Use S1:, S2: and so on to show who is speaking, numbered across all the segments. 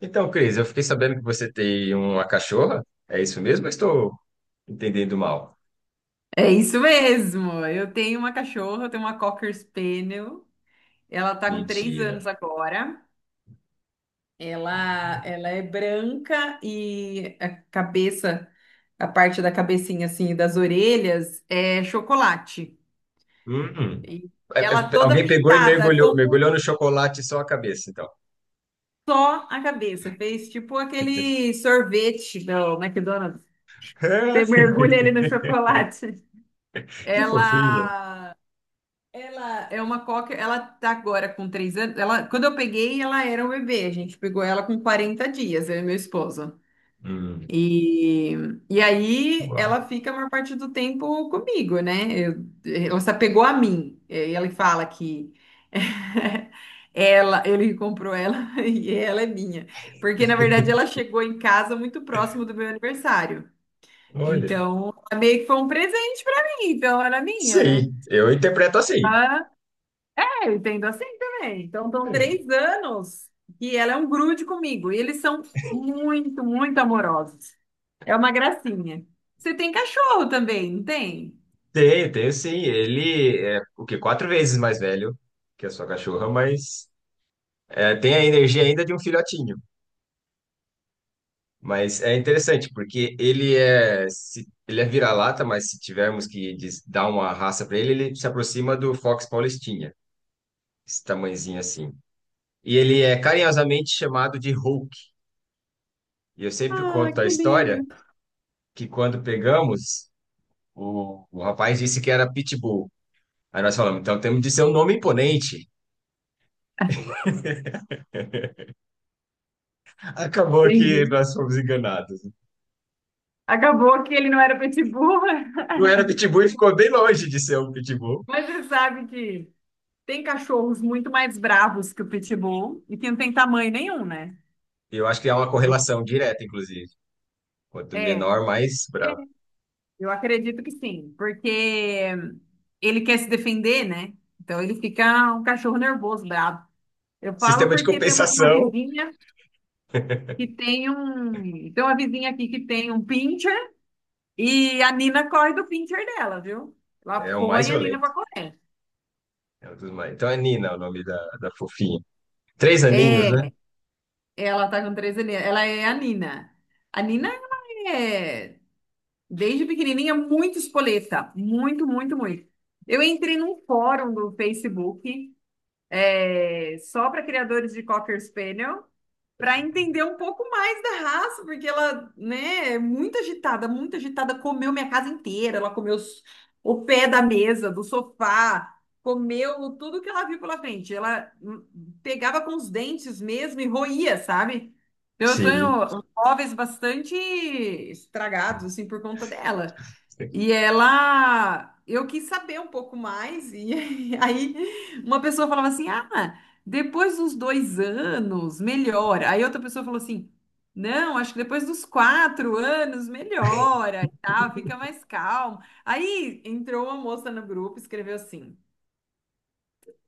S1: Então, Cris, eu fiquei sabendo que você tem uma cachorra. É isso mesmo? Eu estou entendendo mal.
S2: É isso mesmo. Eu tenho uma cachorra, eu tenho uma Cocker Spaniel. Ela tá com três
S1: Mentira.
S2: anos agora. Ela é branca e a cabeça, a parte da cabecinha assim, das orelhas é chocolate.
S1: Hum. Hum.
S2: E
S1: É, é.
S2: ela toda
S1: Alguém pegou e
S2: pintada,
S1: mergulhou, mergulhou
S2: como
S1: no chocolate só a cabeça, então.
S2: só a cabeça. Fez tipo aquele sorvete do McDonald's. Você mergulha ele no chocolate.
S1: Que fofinha.
S2: Ela Ela é uma cocker, ela tá agora com 3 anos. Ela, quando eu peguei, ela era um bebê. A gente pegou ela com 40 dias, eu e meu esposo.
S1: Hum.
S2: E, e aí
S1: Uau.
S2: ela fica a maior parte do tempo comigo, né? Eu, ela se apegou a mim. E aí ele fala que ele comprou ela e ela é minha. Porque, na verdade, ela chegou em casa muito próximo do meu aniversário.
S1: Olha.
S2: Então, ela meio que foi um presente pra mim, então era minha, né?
S1: Sim, eu interpreto assim.
S2: Ah, eu entendo assim também. Então, estão
S1: É.
S2: 3 anos e ela é um grude comigo. E eles são muito, muito amorosos. É uma gracinha. Você tem cachorro também, não tem?
S1: Tenho, tenho sim. Ele é o quê? 4 vezes mais velho que a sua cachorra, mas tem a energia ainda de um filhotinho. Mas é interessante, porque ele é vira-lata, mas se tivermos que dar uma raça para ele, ele se aproxima do Fox Paulistinha, esse tamanhozinho assim. E ele é carinhosamente chamado de Hulk. E eu sempre
S2: Ah,
S1: conto a
S2: que lindo.
S1: história que quando pegamos, o rapaz disse que era Pitbull. Aí nós falamos, então temos de ser um nome imponente. Acabou que
S2: Entendi.
S1: nós fomos enganados.
S2: Acabou que ele não era pitbull.
S1: Não era Pitbull e ficou bem longe de ser um Pitbull.
S2: Mas você sabe que tem cachorros muito mais bravos que o pitbull e que não tem tamanho nenhum, né?
S1: Eu acho que há uma correlação direta, inclusive. Quanto
S2: É,
S1: menor, mais bravo.
S2: eu acredito que sim, porque ele quer se defender, né? Então ele fica um cachorro nervoso, bravo. Eu falo
S1: Sistema de
S2: porque temos uma
S1: compensação
S2: vizinha que tem um. Tem uma vizinha aqui que tem um pincher e a Nina corre do pincher dela, viu? Ela
S1: é o mais
S2: põe a Nina
S1: violento.
S2: pra correr.
S1: É um dos mais... Então é Nina o nome da fofinha. 3 aninhos, né?
S2: É, ela tá com 13 anos. Ela é a Nina. A Nina, ela é, desde pequenininha, muito espoleta. Muito, muito, muito. Eu entrei num fórum do Facebook, só para criadores de Cocker Spaniel, para entender um pouco mais da raça, porque ela, né, é muito agitada, comeu minha casa inteira, ela comeu o pé da mesa, do sofá, comeu tudo que ela viu pela frente. Ela pegava com os dentes mesmo e roía, sabe? Então, eu
S1: Sim.
S2: tenho móveis bastante estragados, assim, por conta dela. E ela, eu quis saber um pouco mais, e aí uma pessoa falava assim: ah, depois dos 2 anos melhora. Aí outra pessoa falou assim: não, acho que depois dos 4 anos melhora e tal, fica mais calmo. Aí entrou uma moça no grupo e escreveu assim: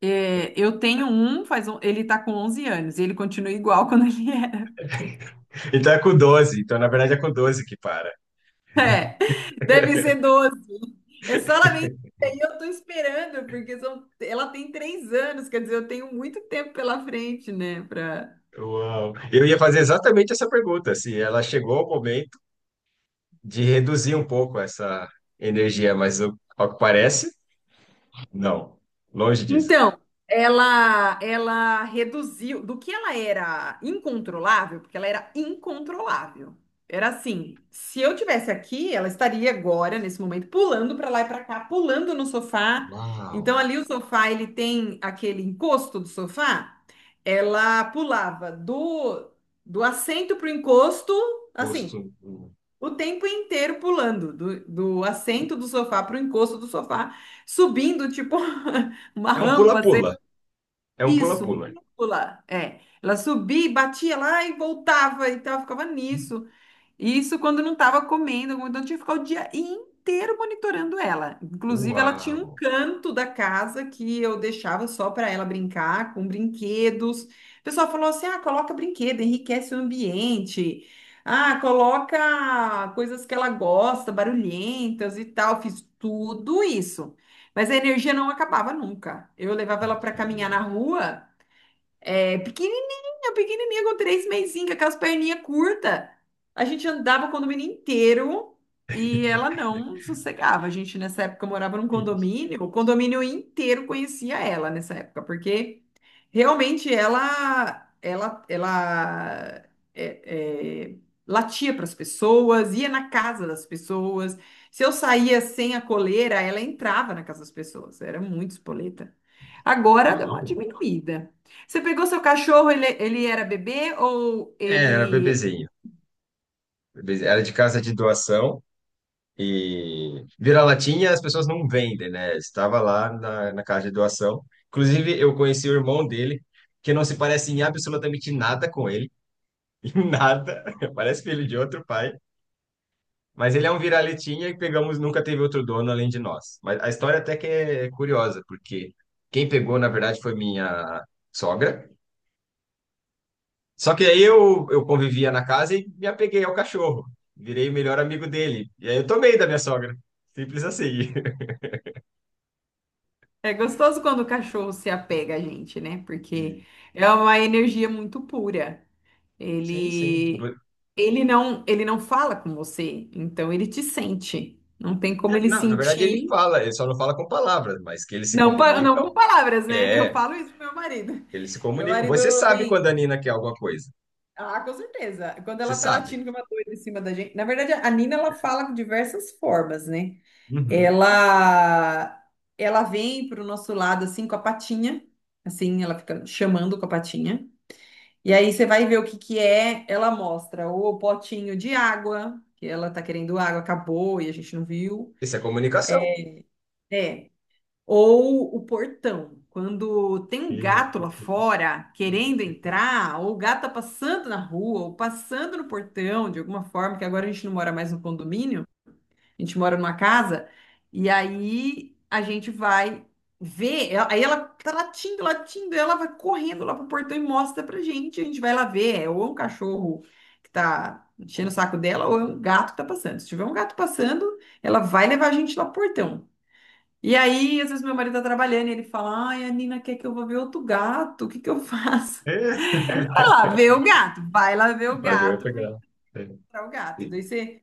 S2: eu tenho um, faz um, ele tá com 11 anos, e ele continua igual quando ele era.
S1: Então é com 12. Então, na verdade, é com 12 que para.
S2: Deve ser doze. É só ela me dizer, e eu tô esperando, porque ela tem 3 anos, quer dizer, eu tenho muito tempo pela frente, né.
S1: Uau. Eu ia fazer exatamente essa pergunta, se ela chegou ao momento de reduzir um pouco essa energia, mas ao que parece, não. Longe disso.
S2: Então, ela reduziu do que ela era incontrolável, porque ela era incontrolável. Era assim, se eu tivesse aqui, ela estaria agora nesse momento pulando para lá e para cá, pulando no sofá.
S1: Uau.
S2: Então ali o sofá, ele tem aquele encosto do sofá, ela pulava do assento pro encosto,
S1: Gosto.
S2: assim, o tempo inteiro pulando, do assento do sofá para o encosto do sofá, subindo, tipo, uma
S1: É um
S2: rampa, sei lá,
S1: pula-pula. É um
S2: isso, um
S1: pula-pula.
S2: cúpula. É, ela subia, e batia lá e voltava, então ela ficava nisso. E isso quando não estava comendo, então eu tinha que ficar o dia inteiro monitorando ela. Inclusive, ela tinha um
S1: Uau.
S2: canto da casa que eu deixava só para ela brincar com brinquedos. O pessoal falou assim: ah, coloca brinquedo, enriquece o ambiente. Ah, coloca coisas que ela gosta, barulhentas e tal. Fiz tudo isso. Mas a energia não acabava nunca. Eu levava ela para caminhar
S1: Mentira.
S2: na rua. É, pequenininha, pequenininha, com três mesinhas, com as perninhas curtas. A gente andava o condomínio inteiro e ela não sossegava. A gente, nessa época, morava num
S1: Gente.
S2: condomínio, o condomínio inteiro conhecia ela nessa época, porque realmente ela é, é, latia para as pessoas, ia na casa das pessoas. Se eu saía sem a coleira, ela entrava na casa das pessoas. Era muito espoleta. Agora deu uma
S1: Uau.
S2: diminuída. Você pegou seu cachorro, ele era bebê ou
S1: É, era
S2: ele
S1: bebezinho. Era de casa de doação e vira-latinha as pessoas não vendem, né? Estava lá na casa de doação. Inclusive, eu conheci o irmão dele, que não se parece em absolutamente nada com ele. Em nada. Parece filho de outro pai. Mas ele é um vira-latinha e pegamos, nunca teve outro dono além de nós. Mas a história até que é curiosa, porque quem pegou, na verdade, foi minha sogra. Só que aí eu convivia na casa e me apeguei ao cachorro. Virei o melhor amigo dele. E aí eu tomei da minha sogra. Simples assim.
S2: é gostoso quando o cachorro se apega a gente, né? Porque é uma energia muito pura.
S1: Sim, sim, sim.
S2: Ele ele não fala com você, então ele te sente. Não tem como ele
S1: Não, na verdade ele
S2: sentir,
S1: fala, ele só não fala com palavras, mas que eles se
S2: não com
S1: comunicam.
S2: palavras, né? Eu
S1: É,
S2: falo isso pro meu marido.
S1: eles se
S2: Meu
S1: comunicam.
S2: marido
S1: Você sabe quando
S2: vem,
S1: a Nina quer alguma coisa.
S2: ah, com certeza. Quando
S1: Você
S2: ela tá
S1: sabe.
S2: latindo com uma doida em cima da gente, na verdade a Nina ela fala de diversas formas, né?
S1: Uhum.
S2: Ela ela vem pro nosso lado assim com a patinha, assim, ela fica chamando com a patinha. E aí você vai ver o que que é, ela mostra o potinho de água, que ela tá querendo água, acabou e a gente não viu.
S1: Isso é comunicação.
S2: É. Ou o portão. Quando tem um
S1: E-
S2: gato lá fora
S1: e-
S2: querendo entrar, ou o gato tá passando na rua, ou passando no portão de alguma forma, que agora a gente não mora mais no condomínio. A gente mora numa casa e aí a gente vai ver. Aí ela tá latindo, latindo, e ela vai correndo lá pro portão e mostra pra gente. A gente vai lá ver. É, ou é um cachorro que tá enchendo o saco dela, ou é um gato que tá passando. Se tiver um gato passando, ela vai levar a gente lá pro portão. E aí, às vezes, meu marido tá trabalhando e ele fala: Ai, a Nina quer que eu vá ver outro gato, o que que eu faço?
S1: É.
S2: Vai lá ver o gato, vai lá ver o
S1: Vai ver, vai
S2: gato, porque
S1: pegar.
S2: é o gato. Daí você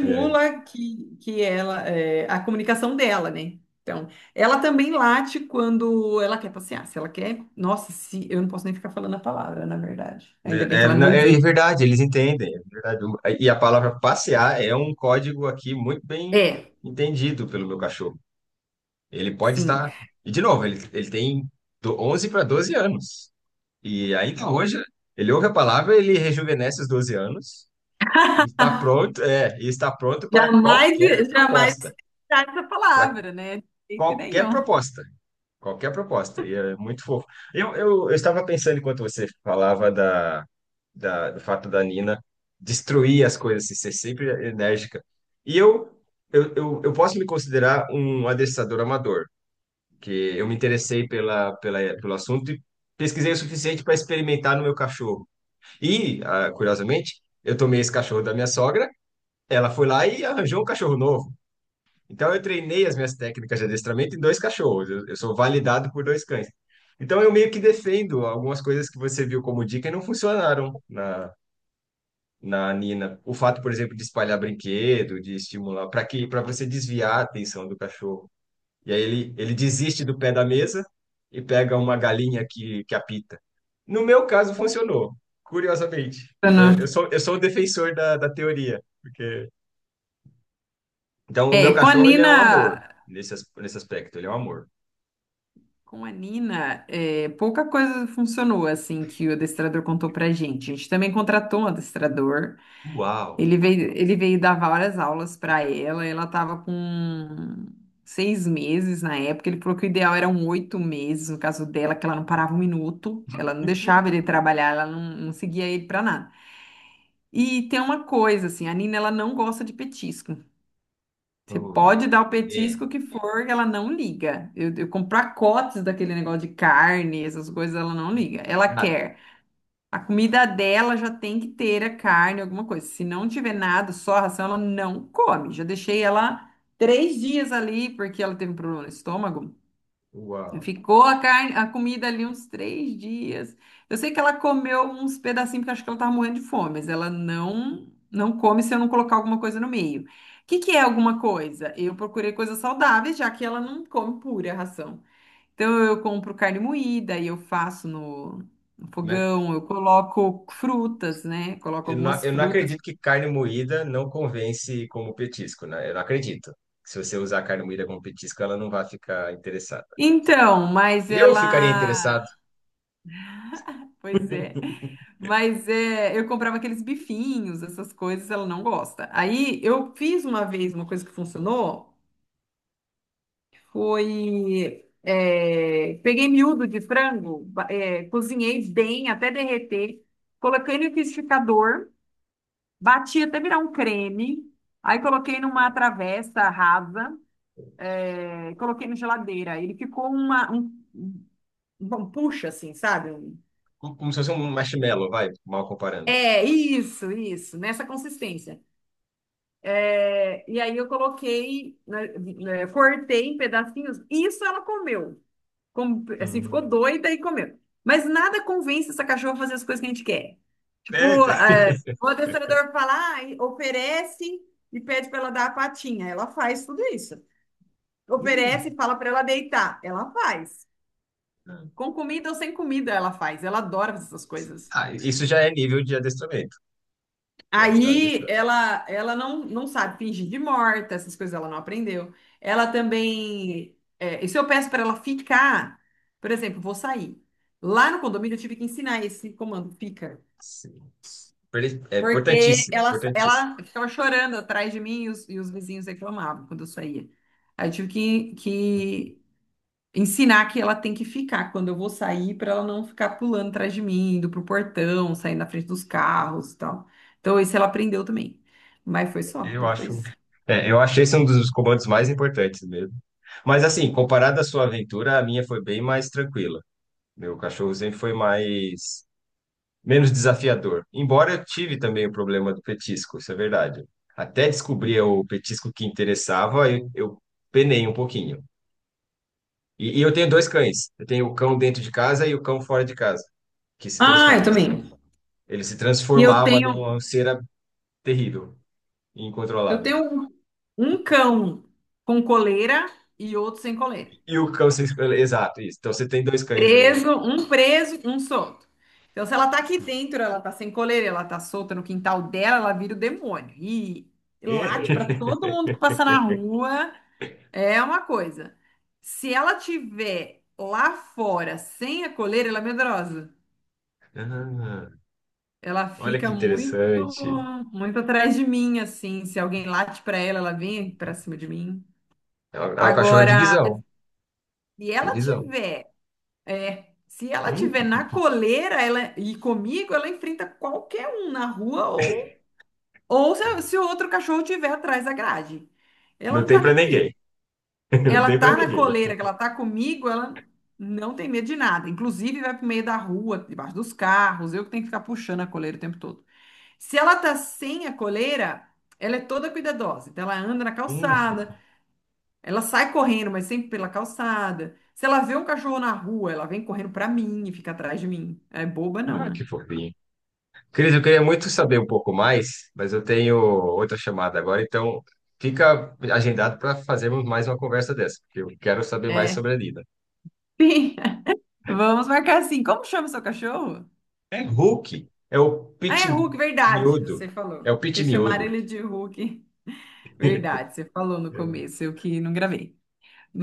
S1: É.
S2: que a comunicação dela, né? Então, ela também late quando ela quer passear. Se ela quer, nossa, se eu não posso nem ficar falando a palavra, na verdade. Ainda bem
S1: É,
S2: que
S1: é,
S2: ela
S1: não,
S2: não
S1: é
S2: ouviu.
S1: é verdade, eles entendem, é verdade. E a palavra passear é um código aqui muito bem
S2: É,
S1: entendido pelo meu cachorro. Ele pode
S2: sim.
S1: estar. E, de novo, ele tem do 11 para 12 anos. E ainda hoje, ele ouve a palavra, ele rejuvenesce os 12 anos e está pronto, e está pronto para
S2: Jamais,
S1: qualquer
S2: jamais
S1: proposta.
S2: citar essa
S1: Para
S2: palavra, né? De jeito
S1: qualquer
S2: nenhum.
S1: proposta. Qualquer proposta, e é muito fofo. Eu estava pensando enquanto você falava do fato da Nina destruir as coisas, assim, ser sempre enérgica. E eu posso me considerar um adestrador amador, que eu me interessei pelo assunto e pesquisei o suficiente para experimentar no meu cachorro. E, curiosamente, eu tomei esse cachorro da minha sogra, ela foi lá e arranjou um cachorro novo. Então, eu treinei as minhas técnicas de adestramento em dois cachorros. Eu sou validado por dois cães. Então, eu meio que defendo algumas coisas que você viu como dica e não funcionaram na Nina. O fato, por exemplo, de espalhar brinquedo, de estimular, para você desviar a atenção do cachorro. E aí ele desiste do pé da mesa e pega uma galinha que apita. No meu caso, funcionou, curiosamente. Então, eu
S2: Não.
S1: sou, eu sou o defensor da teoria, porque... Então, o
S2: É,
S1: meu cachorro, ele é um amor nesse aspecto, ele é um amor.
S2: Com a Nina, pouca coisa funcionou assim que o adestrador contou pra gente. A gente também contratou um adestrador.
S1: Uau!
S2: Ele veio dar várias aulas para ela. Ela estava com 6 meses na época. Ele falou que o ideal eram 8 meses, no caso dela, que ela não parava um minuto, ela não deixava ele trabalhar, ela não, não seguia ele para nada. E tem uma coisa, assim, a Nina, ela não gosta de petisco. Você
S1: Oi.
S2: pode dar o
S1: É,
S2: petisco que for, que ela não liga. Eu compro pacotes daquele negócio de carne, essas coisas, ela não liga. Ela
S1: nada.
S2: quer. A comida dela já tem que ter a carne, alguma coisa. Se não tiver nada, só a ração, ela não come. Já deixei ela 3 dias ali, porque ela teve um problema no estômago.
S1: Uau!
S2: Ficou a carne, a comida ali uns 3 dias. Eu sei que ela comeu uns pedacinhos, porque acho que ela tava morrendo de fome, mas ela não, não come se eu não colocar alguma coisa no meio. O que que é alguma coisa? Eu procurei coisas saudáveis, já que ela não come pura ração. Então eu compro carne moída e eu faço no
S1: Né?
S2: fogão, eu coloco frutas, né? Coloco
S1: Eu não,
S2: algumas
S1: eu não
S2: frutas.
S1: acredito que carne moída não convence como petisco, né? Eu não acredito. Se você usar carne moída como petisco, ela não vai ficar interessada.
S2: Então, mas
S1: Eu ficaria
S2: ela,
S1: interessado.
S2: pois é. Mas é, eu comprava aqueles bifinhos, essas coisas, ela não gosta. Aí eu fiz uma vez uma coisa que funcionou, peguei miúdo de frango, cozinhei bem até derreter, coloquei no liquidificador. Bati até virar um creme. Aí coloquei numa
S1: Uau.
S2: travessa rasa, coloquei na geladeira. Ele ficou um puxa, assim, sabe? Um-
S1: Como se fosse um marshmallow, vai, mal comparando.
S2: É, isso, nessa consistência. É, e aí eu coloquei, né, cortei em pedacinhos. Isso ela comeu. Assim, ficou
S1: Hum.
S2: doida e comeu. Mas nada convence essa cachorra a fazer as coisas que a gente quer.
S1: É.
S2: Tipo, o adestrador fala, ah, oferece e pede para ela dar a patinha. Ela faz tudo isso.
S1: Hum.
S2: Oferece e fala para ela deitar. Ela faz. Com comida ou sem comida, ela faz. Ela adora fazer essas coisas.
S1: Ah, isso já é nível de adestramento. Já está adestrado.
S2: Ela não, não sabe fingir de morta, essas coisas ela não aprendeu. Ela também. E se eu peço para ela ficar, por exemplo, vou sair. Lá no condomínio eu tive que ensinar esse comando, fica.
S1: Sim. É
S2: Porque
S1: importantíssimo,
S2: ela,
S1: importantíssimo.
S2: ela ficava chorando atrás de mim e e os vizinhos reclamavam quando eu saía. Aí eu tive que ensinar que ela tem que ficar quando eu vou sair para ela não ficar pulando atrás de mim, indo pro portão, saindo na frente dos carros e tal. Então, isso ela aprendeu também. Mas foi só,
S1: Eu
S2: depois.
S1: acho. É, eu achei esse um dos comandos mais importantes mesmo. Mas assim, comparado à sua aventura, a minha foi bem mais tranquila. Meu cachorro sempre foi mais menos desafiador. Embora eu tive também o problema do petisco, isso é verdade. Até descobrir o petisco que interessava, eu penei um pouquinho. E eu tenho dois cães. Eu tenho o cão dentro de casa e o cão fora de casa, que se
S2: Ah, eu
S1: transforma.
S2: também.
S1: Ele se
S2: E eu
S1: transformava
S2: tenho,
S1: numa cera terrível,
S2: eu
S1: incontrolável.
S2: tenho um, um cão com coleira e outro sem coleira.
S1: E o cão se... Exato, isso. Então você tem dois cães aí.
S2: Preso, um solto. Então, se ela tá aqui
S1: Sim.
S2: dentro, ela tá sem coleira, ela tá solta no quintal dela, ela vira o demônio. E late pra todo mundo que passa na rua. É uma coisa. Se ela tiver lá fora sem a coleira, ela é medrosa.
S1: Ah,
S2: Ela
S1: olha que
S2: fica muito,
S1: interessante.
S2: muito atrás de mim, assim. Se alguém late pra ela, ela vem pra cima de mim.
S1: É o cachorro é de
S2: Agora,
S1: visão.
S2: se
S1: Tem
S2: ela
S1: visão.
S2: tiver, se ela
S1: Hum,
S2: tiver na coleira, ela e comigo, ela enfrenta qualquer um na rua ou se o outro cachorro tiver atrás da grade. Ela
S1: não
S2: não
S1: tem
S2: tá
S1: pra
S2: nem.
S1: ninguém. Não
S2: Ela
S1: tem pra
S2: tá na
S1: ninguém.
S2: coleira, que ela tá comigo, ela não tem medo de nada. Inclusive, vai pro meio da rua, debaixo dos carros, eu que tenho que ficar puxando a coleira o tempo todo. Se ela tá sem a coleira, ela é toda cuidadosa. Então, ela anda na
S1: Hum,
S2: calçada, ela sai correndo, mas sempre pela calçada. Se ela vê um cachorro na rua, ela vem correndo pra mim e fica atrás de mim. É boba, não,
S1: ah,
S2: né?
S1: que fofinho. Cris, eu queria muito saber um pouco mais, mas eu tenho outra chamada agora, então fica agendado para fazermos mais uma conversa dessa, porque eu quero saber mais
S2: É.
S1: sobre a Lina.
S2: Sim. Vamos marcar assim. Como chama seu cachorro?
S1: É Hulk, é o
S2: Ah,
S1: Pit
S2: é Hulk, verdade. Você
S1: Miúdo, é
S2: falou.
S1: o Pit
S2: Vocês chamaram
S1: Miúdo.
S2: ele de Hulk. Verdade, você falou no começo, eu que não gravei.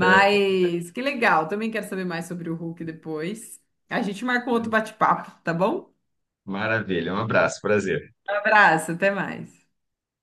S1: É.
S2: que legal, também quero saber mais sobre o Hulk depois. A gente marca um outro bate-papo, tá bom?
S1: Maravilha, um abraço, prazer.
S2: Um abraço, até mais.